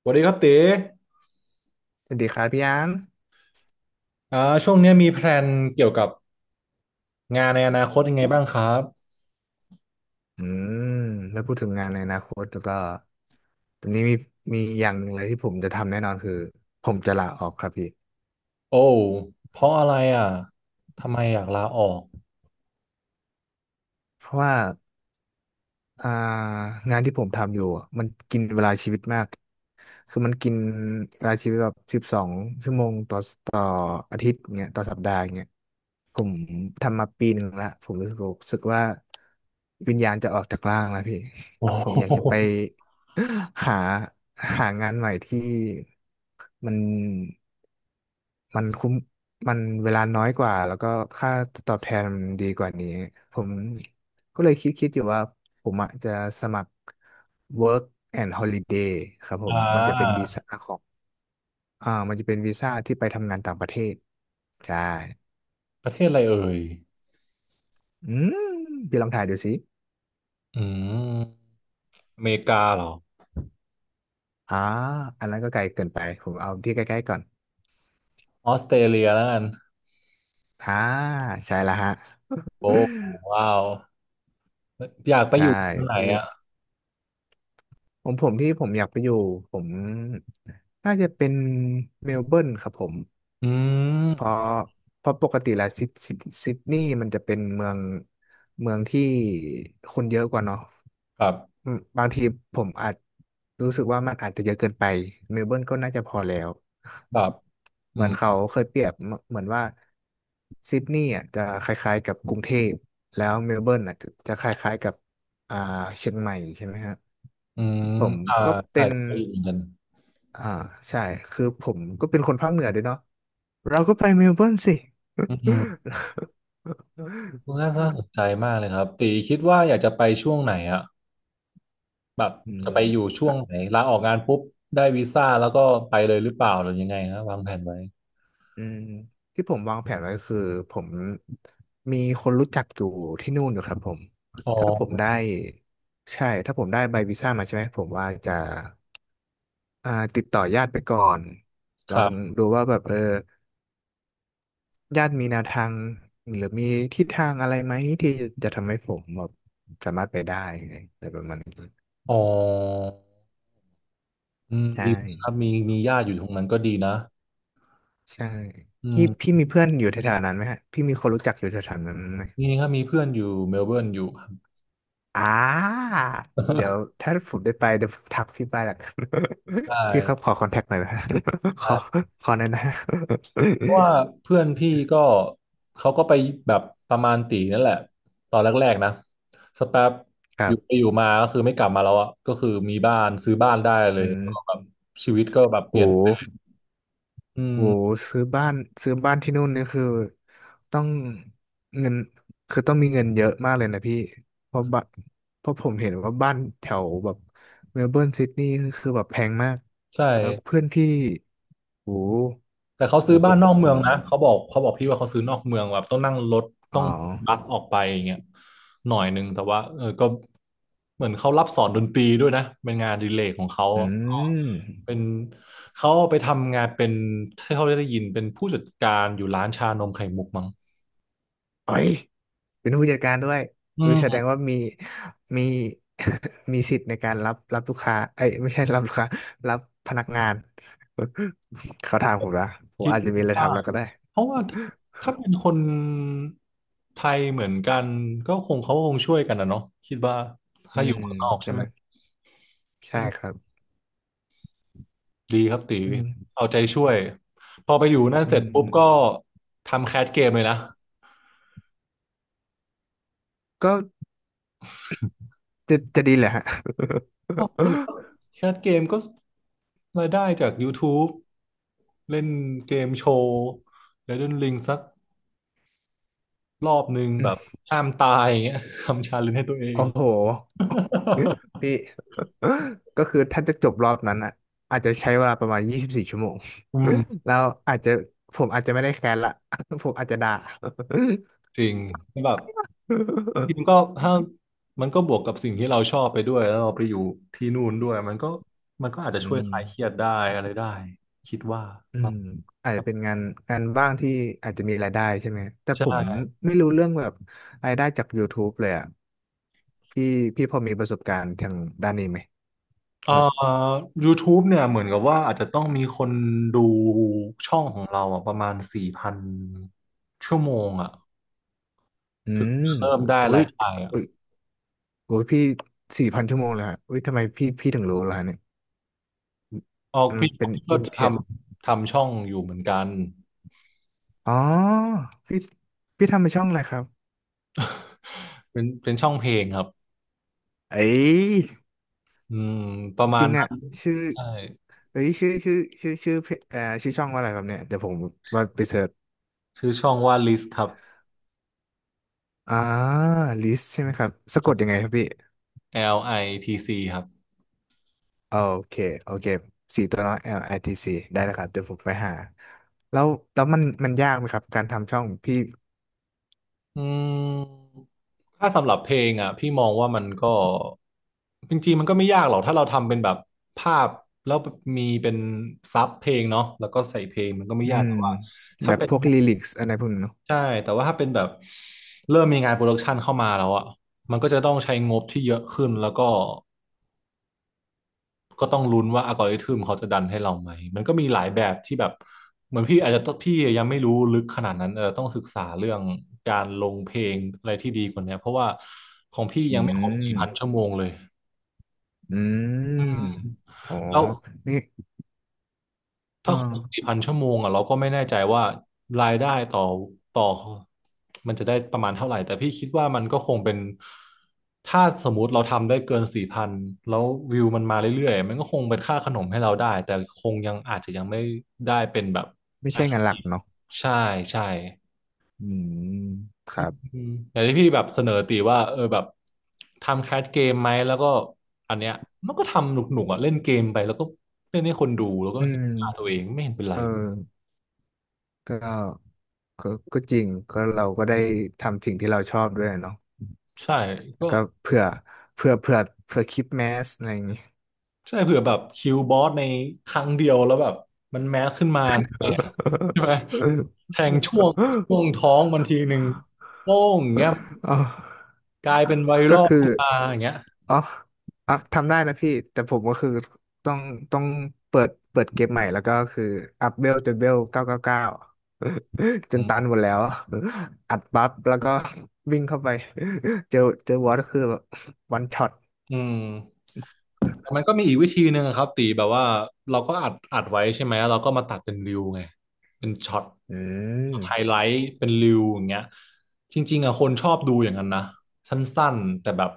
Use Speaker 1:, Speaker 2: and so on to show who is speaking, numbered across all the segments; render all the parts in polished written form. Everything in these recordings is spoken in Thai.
Speaker 1: สวัสดีครับเต๋
Speaker 2: สวัสดีครับพี่ยาง
Speaker 1: อ่าช่วงเนี้ยมีแพลนเกี่ยวกับงานในอนาคตยังไงบ้างครับ
Speaker 2: อืมแล้วพูดถึงงานในอนาคตแล้วก็ตอนนี้มีอย่างหนึ่งเลยที่ผมจะทำแน่นอนคือผมจะลาออกครับพี่
Speaker 1: โอ้เพราะอะไรอ่ะทำไมอยากลาออก
Speaker 2: เพราะว่าอ่างานที่ผมทำอยู่อะมันกินเวลาชีวิตมากคือมันกินเวลาชีวิตแบบ12 ชั่วโมงต่ออาทิตย์เงี้ยต่อสัปดาห์เงี้ยผมทำมาปีหนึ่งละผมรู้สึกว่าวิญญาณจะออกจากร่างแล้วพี่
Speaker 1: โอ้โห
Speaker 2: ผมอยากจะไป หาหางานใหม่ที่ มันมันคุ้มมันเวลาน้อยกว่าแล้วก็ค่าตอบแทนมันดีกว่านี้ผมก็เลยคิดอยู่ว่าผมอะจะสมัคร Work and Holiday ครับผม
Speaker 1: อ่า
Speaker 2: มันจะเป็นวีซ่าของมันจะเป็นวีซ่าที่ไปทำงานต่างประเทศใช่
Speaker 1: ประเทศอะไรเอ่ย
Speaker 2: อืมพี่ลองถ่ายดูสิ
Speaker 1: อืมอเมริกาเหรอ
Speaker 2: อ่าอันนั้นก็ไกลเกินไปผมเอาที่ใกล้ๆก่อน
Speaker 1: ออสเตรเลียแล้วกัน
Speaker 2: อ่าใช่ละฮะ
Speaker 1: โอ้ว้าวอยาก ไปอ
Speaker 2: ใช่
Speaker 1: ยู่ตรงไหนอ่ะ
Speaker 2: ผมที่ผมอยากไปอยู่ผมน่าจะเป็นเมลเบิร์นครับผม
Speaker 1: อืม
Speaker 2: เพราะเพราะปกติแล้วซิดนีย์มันจะเป็นเมืองที่คนเยอะกว่าเนาะ
Speaker 1: ครับ
Speaker 2: อืมบางทีผมอาจรู้สึกว่ามันอาจจะเยอะเกินไปเมลเบิร์นก็น่าจะพอแล้ว
Speaker 1: ครับอื
Speaker 2: เหมือน
Speaker 1: ม
Speaker 2: เขาเคยเปรียบเหมือนว่าซิดนีย์อ่ะจะคล้ายๆกับกรุงเทพแล้วเมลเบิร์นอ่ะจะคล้ายๆกับอ่าเชียงใหม่ใช่ไหมฮะ
Speaker 1: อืม
Speaker 2: ผม
Speaker 1: อ่า
Speaker 2: ก็
Speaker 1: ใช่
Speaker 2: เป็น
Speaker 1: ไปอยู่เหมือนกัน
Speaker 2: อ่าใช่คือผมก็เป็นคนภาคเหนือด้วยเนาะ เราก็ไปเมลเบิร์นสิ
Speaker 1: อืมน่า สนใจมากเลยครับตีคิดว่าอยากจะไปช่วงไหนอ่ะ แบบ
Speaker 2: อืม
Speaker 1: จะไปอยู่ช่ว
Speaker 2: อ่ะ
Speaker 1: งไหนลาออกงานปุ๊บได้วีซ่าแล้วก็ไปเลยหรือเปล่าหรือยังไงนะวางแผนไว้
Speaker 2: อืมที่ผมวางแผนไว้คือผมมีคนรู้จักอยู่ที่นู่นอยู่ครับผม
Speaker 1: อ๋อ
Speaker 2: ถ้าผมได้ ใช่ ถ้าผมได้ใบวีซ่ามาใช่ไหม ผมว่าจะติดต่อญาติไปก่อน ล
Speaker 1: ค
Speaker 2: อ
Speaker 1: รั
Speaker 2: ง
Speaker 1: บ
Speaker 2: ดูว่าแบบเออญาติมีแนวทางหรือมีทิศทางอะไรไหมที่จะทำให้ผมแบบสามารถไปได้อะไรประมาณนี้
Speaker 1: อ๋ออืม
Speaker 2: ใช่
Speaker 1: ดีครับมีญาติอยู่ตรงนั้นก็ดีนะ
Speaker 2: ใช่
Speaker 1: อื
Speaker 2: พี่
Speaker 1: ม
Speaker 2: มีเพื่อนอยู่แถวๆนั้นไหมฮะพี่มีคนรู้จักอยู่แถวๆนั้นไหม
Speaker 1: นี่ครับมีเพื่อนอยู่เมลเบิร์นอยู่ครับ
Speaker 2: อ่าเดี๋ยว ถ้าผมได้ไปเดี๋ยวผมทักพี่ไปละกัน
Speaker 1: ได้
Speaker 2: พี่ครับขอคอนแทคหน่อยนะฮะ ขอ
Speaker 1: ได้
Speaker 2: ขอหน่อยนะฮะ
Speaker 1: เพราะว่าเพื่อนพี่ก็เขาก็ไปแบบประมาณตีนั่นแหละตอนแรกๆนะสักแป๊บ
Speaker 2: ค
Speaker 1: อ
Speaker 2: รั
Speaker 1: ยู่ไป
Speaker 2: บ
Speaker 1: อยู่มาก็คือไม่กลับมาแล้วอ่ะก็คือมีบ้านซื้อบ้านได้เล
Speaker 2: อื
Speaker 1: ยแล้วก็แบ
Speaker 2: ม
Speaker 1: บชีวิตก็แบบเป
Speaker 2: โห
Speaker 1: ลี่ยนอื
Speaker 2: โอ้
Speaker 1: ม
Speaker 2: ซื้อบ้านที่นู่นนี่คือต้องเงินคือต้องมีเงินเยอะมากเลยนะพี่เพราะบ้านเพราะผมเห็นว่าบ้านแถวแบบเมลเบิร์นซิดนีย์คือแบบแพงมาก
Speaker 1: ใช่
Speaker 2: แล้วเพื่อนพี่โอ้โห
Speaker 1: แต่เขาซื้
Speaker 2: โอ้
Speaker 1: อ
Speaker 2: ผ
Speaker 1: บ้าน
Speaker 2: ม
Speaker 1: นอก
Speaker 2: ผ
Speaker 1: เมือง
Speaker 2: ม
Speaker 1: นะเขาบอกเขาบอกพี่ว่าเขาซื้อนอกเมืองแบบต้องนั่งรถต้
Speaker 2: อ๋
Speaker 1: อ
Speaker 2: อ
Speaker 1: งบัสออกไปอย่างเงี้ยหน่อยนึงแต่ว่าเออก็เหมือนเขารับสอนดนตรีด้วยนะเป็นงานอดิเลกของเขา
Speaker 2: อื
Speaker 1: ก็
Speaker 2: ม
Speaker 1: เป็นเขาไปทำงานเป็นที่เขาได้ยินเป็นผู้จัดการอยู่ร้านชานมไข่มุกมั้ง
Speaker 2: เอ้ย เป็นผู้จัดการด้วย
Speaker 1: อื
Speaker 2: อุ้ยแสดง
Speaker 1: ม
Speaker 2: ว่ามี มีสิทธิ์ในการรับลูกค้าเอ้ยไม่ใช่ รับลูกค้ารับพนักงาน เขาถามผมละผม
Speaker 1: คิด
Speaker 2: อาจจะมีอะไร
Speaker 1: ว่า
Speaker 2: ทำแล้วก็ได้
Speaker 1: เพราะว่าถ้าเป็นคนไทยเหมือนกันก็คงเขาคงช่วยกันนะเนาะคิดว่า
Speaker 2: อื
Speaker 1: ถ้าอยู่
Speaker 2: ม
Speaker 1: เมืองนอกใช่
Speaker 2: ใช่
Speaker 1: ไหม
Speaker 2: ไหมใช่ครับ
Speaker 1: ดีครับตี
Speaker 2: อืม
Speaker 1: เอาใจช่วยพอไปอยู่นั่น
Speaker 2: อื
Speaker 1: เสร็จปุ๊บก็
Speaker 2: ม
Speaker 1: ทำแคสเกมเลยนะ
Speaker 2: ก็จะดีแหละฮะ
Speaker 1: ออแคสเกมก็รายได้จาก YouTube เล่นเกมโชว์แล้วเล่นลิงสักรอบหนึ่ง
Speaker 2: อื
Speaker 1: แบบ
Speaker 2: ม
Speaker 1: ห้ามตาย อย่างเงี้ยทำชาเลนจ์ให้ตัวเอง
Speaker 2: โอ้โหพี่ ก็คือถ้าจะจบรอบนั้นอ่ะอาจจะใช้เวลาประมาณ24 ชั่วโมง
Speaker 1: อืม
Speaker 2: แล้วอาจจะผมอาจจะไม่ได้แคร์ละ ผมอาจจะด่า
Speaker 1: จริงแบบจริง ก็ถ้ามันก็บวกกับสิ่งที่เราชอบไปด้วยแล้วเราไปอยู่ที่นู่นด้วยมันก็มันก็อาจจะ
Speaker 2: อื
Speaker 1: ช่วยค
Speaker 2: ม
Speaker 1: ลายเครียดได้อะไรได้คิดว่า
Speaker 2: อื
Speaker 1: เนาะ
Speaker 2: มอาจ
Speaker 1: ค
Speaker 2: จะ
Speaker 1: รับ
Speaker 2: เป็นงานงานบ้างที่อาจจะมีรายได้ใช่ไหมแต่ผ
Speaker 1: ใช่
Speaker 2: มไม่รู้เรื่องแบบรายได้จาก YouTube เลยอ่ะพี่พี่พอมีประสบการณ์ทางด้านนี้ไหม
Speaker 1: เอ่อ
Speaker 2: แบบ
Speaker 1: YouTube เนี่ยเหมือนกับว่าอาจจะต้องมีคนดูช่องของเราอ่ะประมาณสี่พันชั่วโมงอ่ะ
Speaker 2: อืม
Speaker 1: เริ่มได้
Speaker 2: อุ้
Speaker 1: รา
Speaker 2: ย
Speaker 1: ยได้อ่ะ
Speaker 2: อุ้ยอุ้ยพี่4,000 ชั่วโมงเลยฮะอุ้ยทำไมพี่ถึงรู้ล่ะเนี่ย
Speaker 1: ออก
Speaker 2: มัน
Speaker 1: พี่
Speaker 2: เป็น
Speaker 1: พี่ก็
Speaker 2: อินเท
Speaker 1: ท
Speaker 2: อร์
Speaker 1: ำทำช่องอยู่เหมือนกัน
Speaker 2: อ๋อพี่พี่ทำเป็นช่องอะไรครับ
Speaker 1: เป็นช่องเพลงครับ
Speaker 2: เอ้ย
Speaker 1: อืมประมา
Speaker 2: จ
Speaker 1: ณ
Speaker 2: ริง
Speaker 1: นั้
Speaker 2: อ่ะ
Speaker 1: น
Speaker 2: ชื่อ
Speaker 1: ใช่
Speaker 2: เอ้ยชื่อชื่อชื่อชื่อเพจเอ่อชื่อช่องว่าอะไรครับเนี่ยเดี๋ยวผมว่าไปเสิร์ช
Speaker 1: ชื่อช่องว่า List ครับ
Speaker 2: อ่า list ใช่ไหมครับสะ
Speaker 1: ค
Speaker 2: ก
Speaker 1: รั
Speaker 2: ดยัง
Speaker 1: บ
Speaker 2: ไงครับพี่
Speaker 1: LITC ครับ
Speaker 2: โอเค โอเค4 ตัวน้อย L I T C ได้แล้วครับเดี๋ยวผมไปหา แล้วแล้วมันยากไหมครับการทำช่องพี่
Speaker 1: อืมถ้าสำหรับเพลงอ่ะพี่มองว่ามันก็จริงๆมันก็ไม่ยากหรอกถ้าเราทำเป็นแบบภาพแล้วมีเป็นซับเพลงเนาะแล้วก็ใส่เพลงมันก็ไม่
Speaker 2: อื
Speaker 1: ยาก
Speaker 2: ม
Speaker 1: แต่ว่า
Speaker 2: แบ
Speaker 1: ถ้า
Speaker 2: บ
Speaker 1: เป็น
Speaker 2: พวกลิลิกส์อะไรพวกนี้เนอะ
Speaker 1: ใช่แต่ว่าถ้าเป็นแบบเริ่มมีงานโปรดักชันเข้ามาแล้วอ่ะมันก็จะต้องใช้งบที่เยอะขึ้นแล้วก็ ก็ต้องลุ้นว่าอัลกอริทึมเขาจะดันให้เราไหม มันก็มีหลายแบบที่แบบเหมือนพี่อาจจะต้องพี่ยังไม่รู้ลึกขนาดนั้นเออต้องศึกษาเรื่องการลงเพลงอะไรที่ดีกว่าเนี้ยเพราะว่าของพี่
Speaker 2: อื
Speaker 1: ยังไม่ครบสี่
Speaker 2: ม
Speaker 1: พันชั่วโมงเลย
Speaker 2: อื
Speaker 1: อื
Speaker 2: ม
Speaker 1: ม
Speaker 2: อ๋อ
Speaker 1: แล้ว
Speaker 2: นี่เอ
Speaker 1: ถ้าคนสี่
Speaker 2: อ
Speaker 1: พันชั่วโมงอ่ะเราก็ไม่แน่ใจว่ารายได้ต่อมันจะได้ประมาณเท่าไหร่แต่พี่คิดว่ามันก็คงเป็นถ้าสมมุติเราทำได้เกินสี่พันแล้ววิวมันมาเรื่อยๆมันก็คงเป็นค่าขนมให้เราได้แต่คงยังอาจจะยังไม่ได้เป็นแบบ
Speaker 2: ไม่
Speaker 1: อ่ะ
Speaker 2: ใช่งานหลักเนาะ
Speaker 1: ใช่ใช่
Speaker 2: อืมค
Speaker 1: อื
Speaker 2: รับ
Speaker 1: มอย่างที่พี่แบบเสนอตีว่าเออแบบทำแคสเกมไหมแล้วก็อันเนี้ยมันก็ทำหนุกๆอ่ะเล่นเกมไปแล้วก็เล่นให้คนดูแล้วก็
Speaker 2: อื
Speaker 1: เห็นหน้าตัว
Speaker 2: ม
Speaker 1: เองไม่เห็นเป็นไร
Speaker 2: เออก็ก็ก็จริงก็เราก็ได้ทำสิ่งที่เราชอบด้วยเนาะ
Speaker 1: ใช่
Speaker 2: แล้
Speaker 1: ก็
Speaker 2: วก็เผื่อเผื่อเผื่อเผื่อคลิปแมสอะไรอย่างงี้
Speaker 1: ใช่เผื่อแบบคิวบอสในครั้งเดียวแล้วแบบมันแมสขึ้นมาทำไงอะใช่ไหมแทงช่วง ช่วงท้องบางทีหนึ่งโป้งอย่างเงี้ย
Speaker 2: อ๋อ
Speaker 1: กลายเป็นไว
Speaker 2: ก็
Speaker 1: รัล
Speaker 2: คือ
Speaker 1: ขึ้นมาอย่างเงี้ย
Speaker 2: อ๋ออ่ะทำได้นะพี่ แต่ผมก็คือต้องต้องเปิดเกมใหม่ แล้วก็คืออัพเวลจนเวล999 จ
Speaker 1: อ
Speaker 2: นตั
Speaker 1: ื
Speaker 2: นหมดแล้ว อัดบัฟแล้วก็วิ่งเข้าไป เจอเจอบอสก็คือแบบวันช็อต
Speaker 1: อืมมันก็มีอีกวิธีหนึ่งอะครับตีแบบว่าเราก็อัดไว้ใช่ไหมเราก็มาตัดเป็นริวไงเป็นช็อต
Speaker 2: อื
Speaker 1: ช็อตไฮไล
Speaker 2: ม
Speaker 1: ท์เป็นริวอย่างเงี้ยจริงๆอะคนชอบดูอย่างนั้นนะสั้นๆแต่แบบ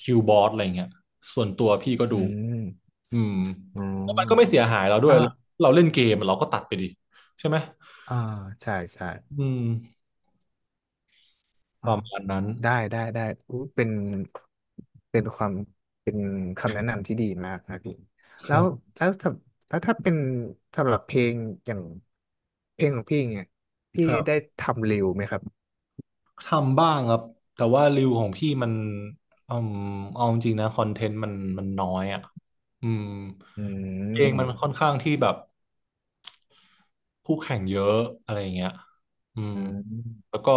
Speaker 1: คิวบอสอะไรเงี้ยส่วนตัวพี่ก็ดู
Speaker 2: อืม
Speaker 1: อืม
Speaker 2: อ๋
Speaker 1: แล้วมันก็ไม่
Speaker 2: อ
Speaker 1: เสียหายเราด้วย
Speaker 2: อ่า
Speaker 1: เราเล่นเกมเราก็ตัดไปดิใช่ไหม
Speaker 2: อ่าใช่ใช่
Speaker 1: อืมป
Speaker 2: อ่ะ
Speaker 1: ระมาณนั้น
Speaker 2: ได้ได้ได้อู้เป็นเป็นความเป็นคำแนะนำที่ดีมากนะพี่แล้ว
Speaker 1: ค
Speaker 2: ถ้าเป็นสำหรับเพลงอย่างเพลงของพี่เนี่ยพี่
Speaker 1: รับ
Speaker 2: ได้ทำเร็วไหมครับ
Speaker 1: ทำบ้างครับแต่ว่ารวิวของพี่มันอืมเอาจริงๆนะคอนเทนต์มันมันน้อยอ่ะอืม
Speaker 2: อื
Speaker 1: เองมันค่
Speaker 2: ม
Speaker 1: อนข้างที่แบบคู่แข่งเยอะอะไรอย่างเงี้ยอืม
Speaker 2: อื
Speaker 1: แล้
Speaker 2: ม
Speaker 1: วก็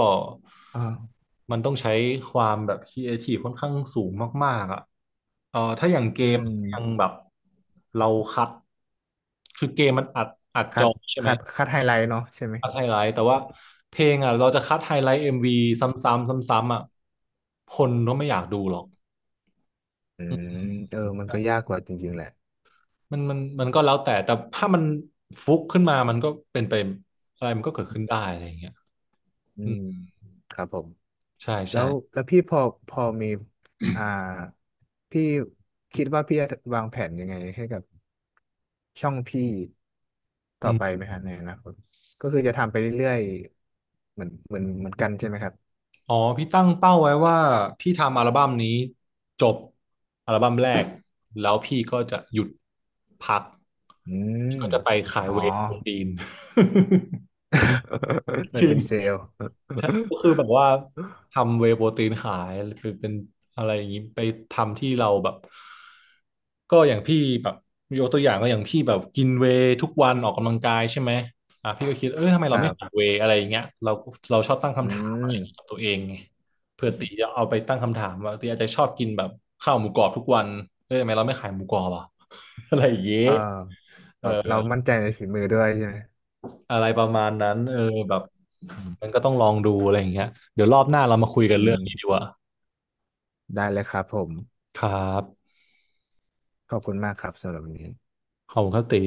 Speaker 2: อ่า
Speaker 1: มันต้องใช้ความแบบครีเอทีฟค่อนข้างสูงมากๆอ่ะเออถ้าอย่างเก
Speaker 2: อื
Speaker 1: ม
Speaker 2: ม
Speaker 1: ยังแบบเราคัดคือเกมมันอัดจ
Speaker 2: คัด
Speaker 1: อใช่ไหม
Speaker 2: คัดไฮไลท์เนาะใช่ไหม
Speaker 1: คัดไฮไลท์แต่ว่าเพลงอ่ะเราจะคัดไฮไลท์เอ็มวีซ้ำๆซ้ำๆอ่ะคนก็ไม่อยากดูหรอก
Speaker 2: อืมเออมันก็ยากกว่าจริงๆแหละ
Speaker 1: มันก็แล้วแต่แต่ถ้ามันฟุกขึ้นมามันก็เป็นไปอะไรมันก็เกิดขึ้นได้อะไรอย่างเงี้ย
Speaker 2: อื
Speaker 1: อืม
Speaker 2: มครับผม
Speaker 1: ใช่
Speaker 2: แล้
Speaker 1: ใช่
Speaker 2: วแล้วพี่พอมีอ่าพี่คิดว่าพี่จะวางแผนยังไงให้กับช่องพี่
Speaker 1: อื
Speaker 2: ต่อไปไห
Speaker 1: ม
Speaker 2: มครับในอนาคตก็คือจะทำไปเรื่อยๆเหมือนกันใช่ไหมครับ
Speaker 1: อ๋อพี่ตั้งเป้าไว้ว่าพี่ทำอัลบั้มนี้จบอัลบั้มแรกแล้วพี่ก็จะหยุดพัก
Speaker 2: อื
Speaker 1: พี่
Speaker 2: ม
Speaker 1: ก็จะไปขาย
Speaker 2: อ๋อ
Speaker 1: เวย์โปรตีน
Speaker 2: เหมื
Speaker 1: จ
Speaker 2: อน
Speaker 1: ริง
Speaker 2: เป็นเซลล์
Speaker 1: ใช่ก็คือแบบว่าทำเวย์โปรตีนขายเป็นอะไรอย่างนี้ไปทำที่เราแบบก็อย่างพี่แบบยกตัวอย่างก็อย่างพี่แบบกินเวย์ทุกวันออกกำลังกายใช่ไหมอ่ะพี่ก็คิดเออทำไม
Speaker 2: ค
Speaker 1: เรา
Speaker 2: รั
Speaker 1: ไม่ขาย
Speaker 2: บ
Speaker 1: เวย์อะไรอย่างเงี้ยเราเราชอบตั้ง
Speaker 2: อื
Speaker 1: คำถามอะไรอ
Speaker 2: ม
Speaker 1: ย่างเงี้ยกับตัวเองไงเพื่อตีจะเอาไปตั้งคำถามว่าตีอาจจะชอบกินแบบข้าวหมูกรอบทุกวันเออทำไมเราไม่ขายหมูกรอบอ่ะ อะไรอย่างเงี้ย
Speaker 2: เออ
Speaker 1: เอ
Speaker 2: แบ
Speaker 1: อ
Speaker 2: บเรามั่นใจในฝีมือด้วยใช่ไหม
Speaker 1: อะไรประมาณนั้นเออแบบ
Speaker 2: อื
Speaker 1: มัน
Speaker 2: ม
Speaker 1: ก็ต้องลองดูอะไรอย่างเงี้ยเดี๋ยวรอบหน้าเรามาคุยกัน
Speaker 2: อื
Speaker 1: เรื่อง
Speaker 2: ม
Speaker 1: นี้ดีกว่า
Speaker 2: ได้เลยครับผม
Speaker 1: ครับ
Speaker 2: ขอบคุณมากครับสำหรับวันนี้
Speaker 1: ขอบคุณครับตี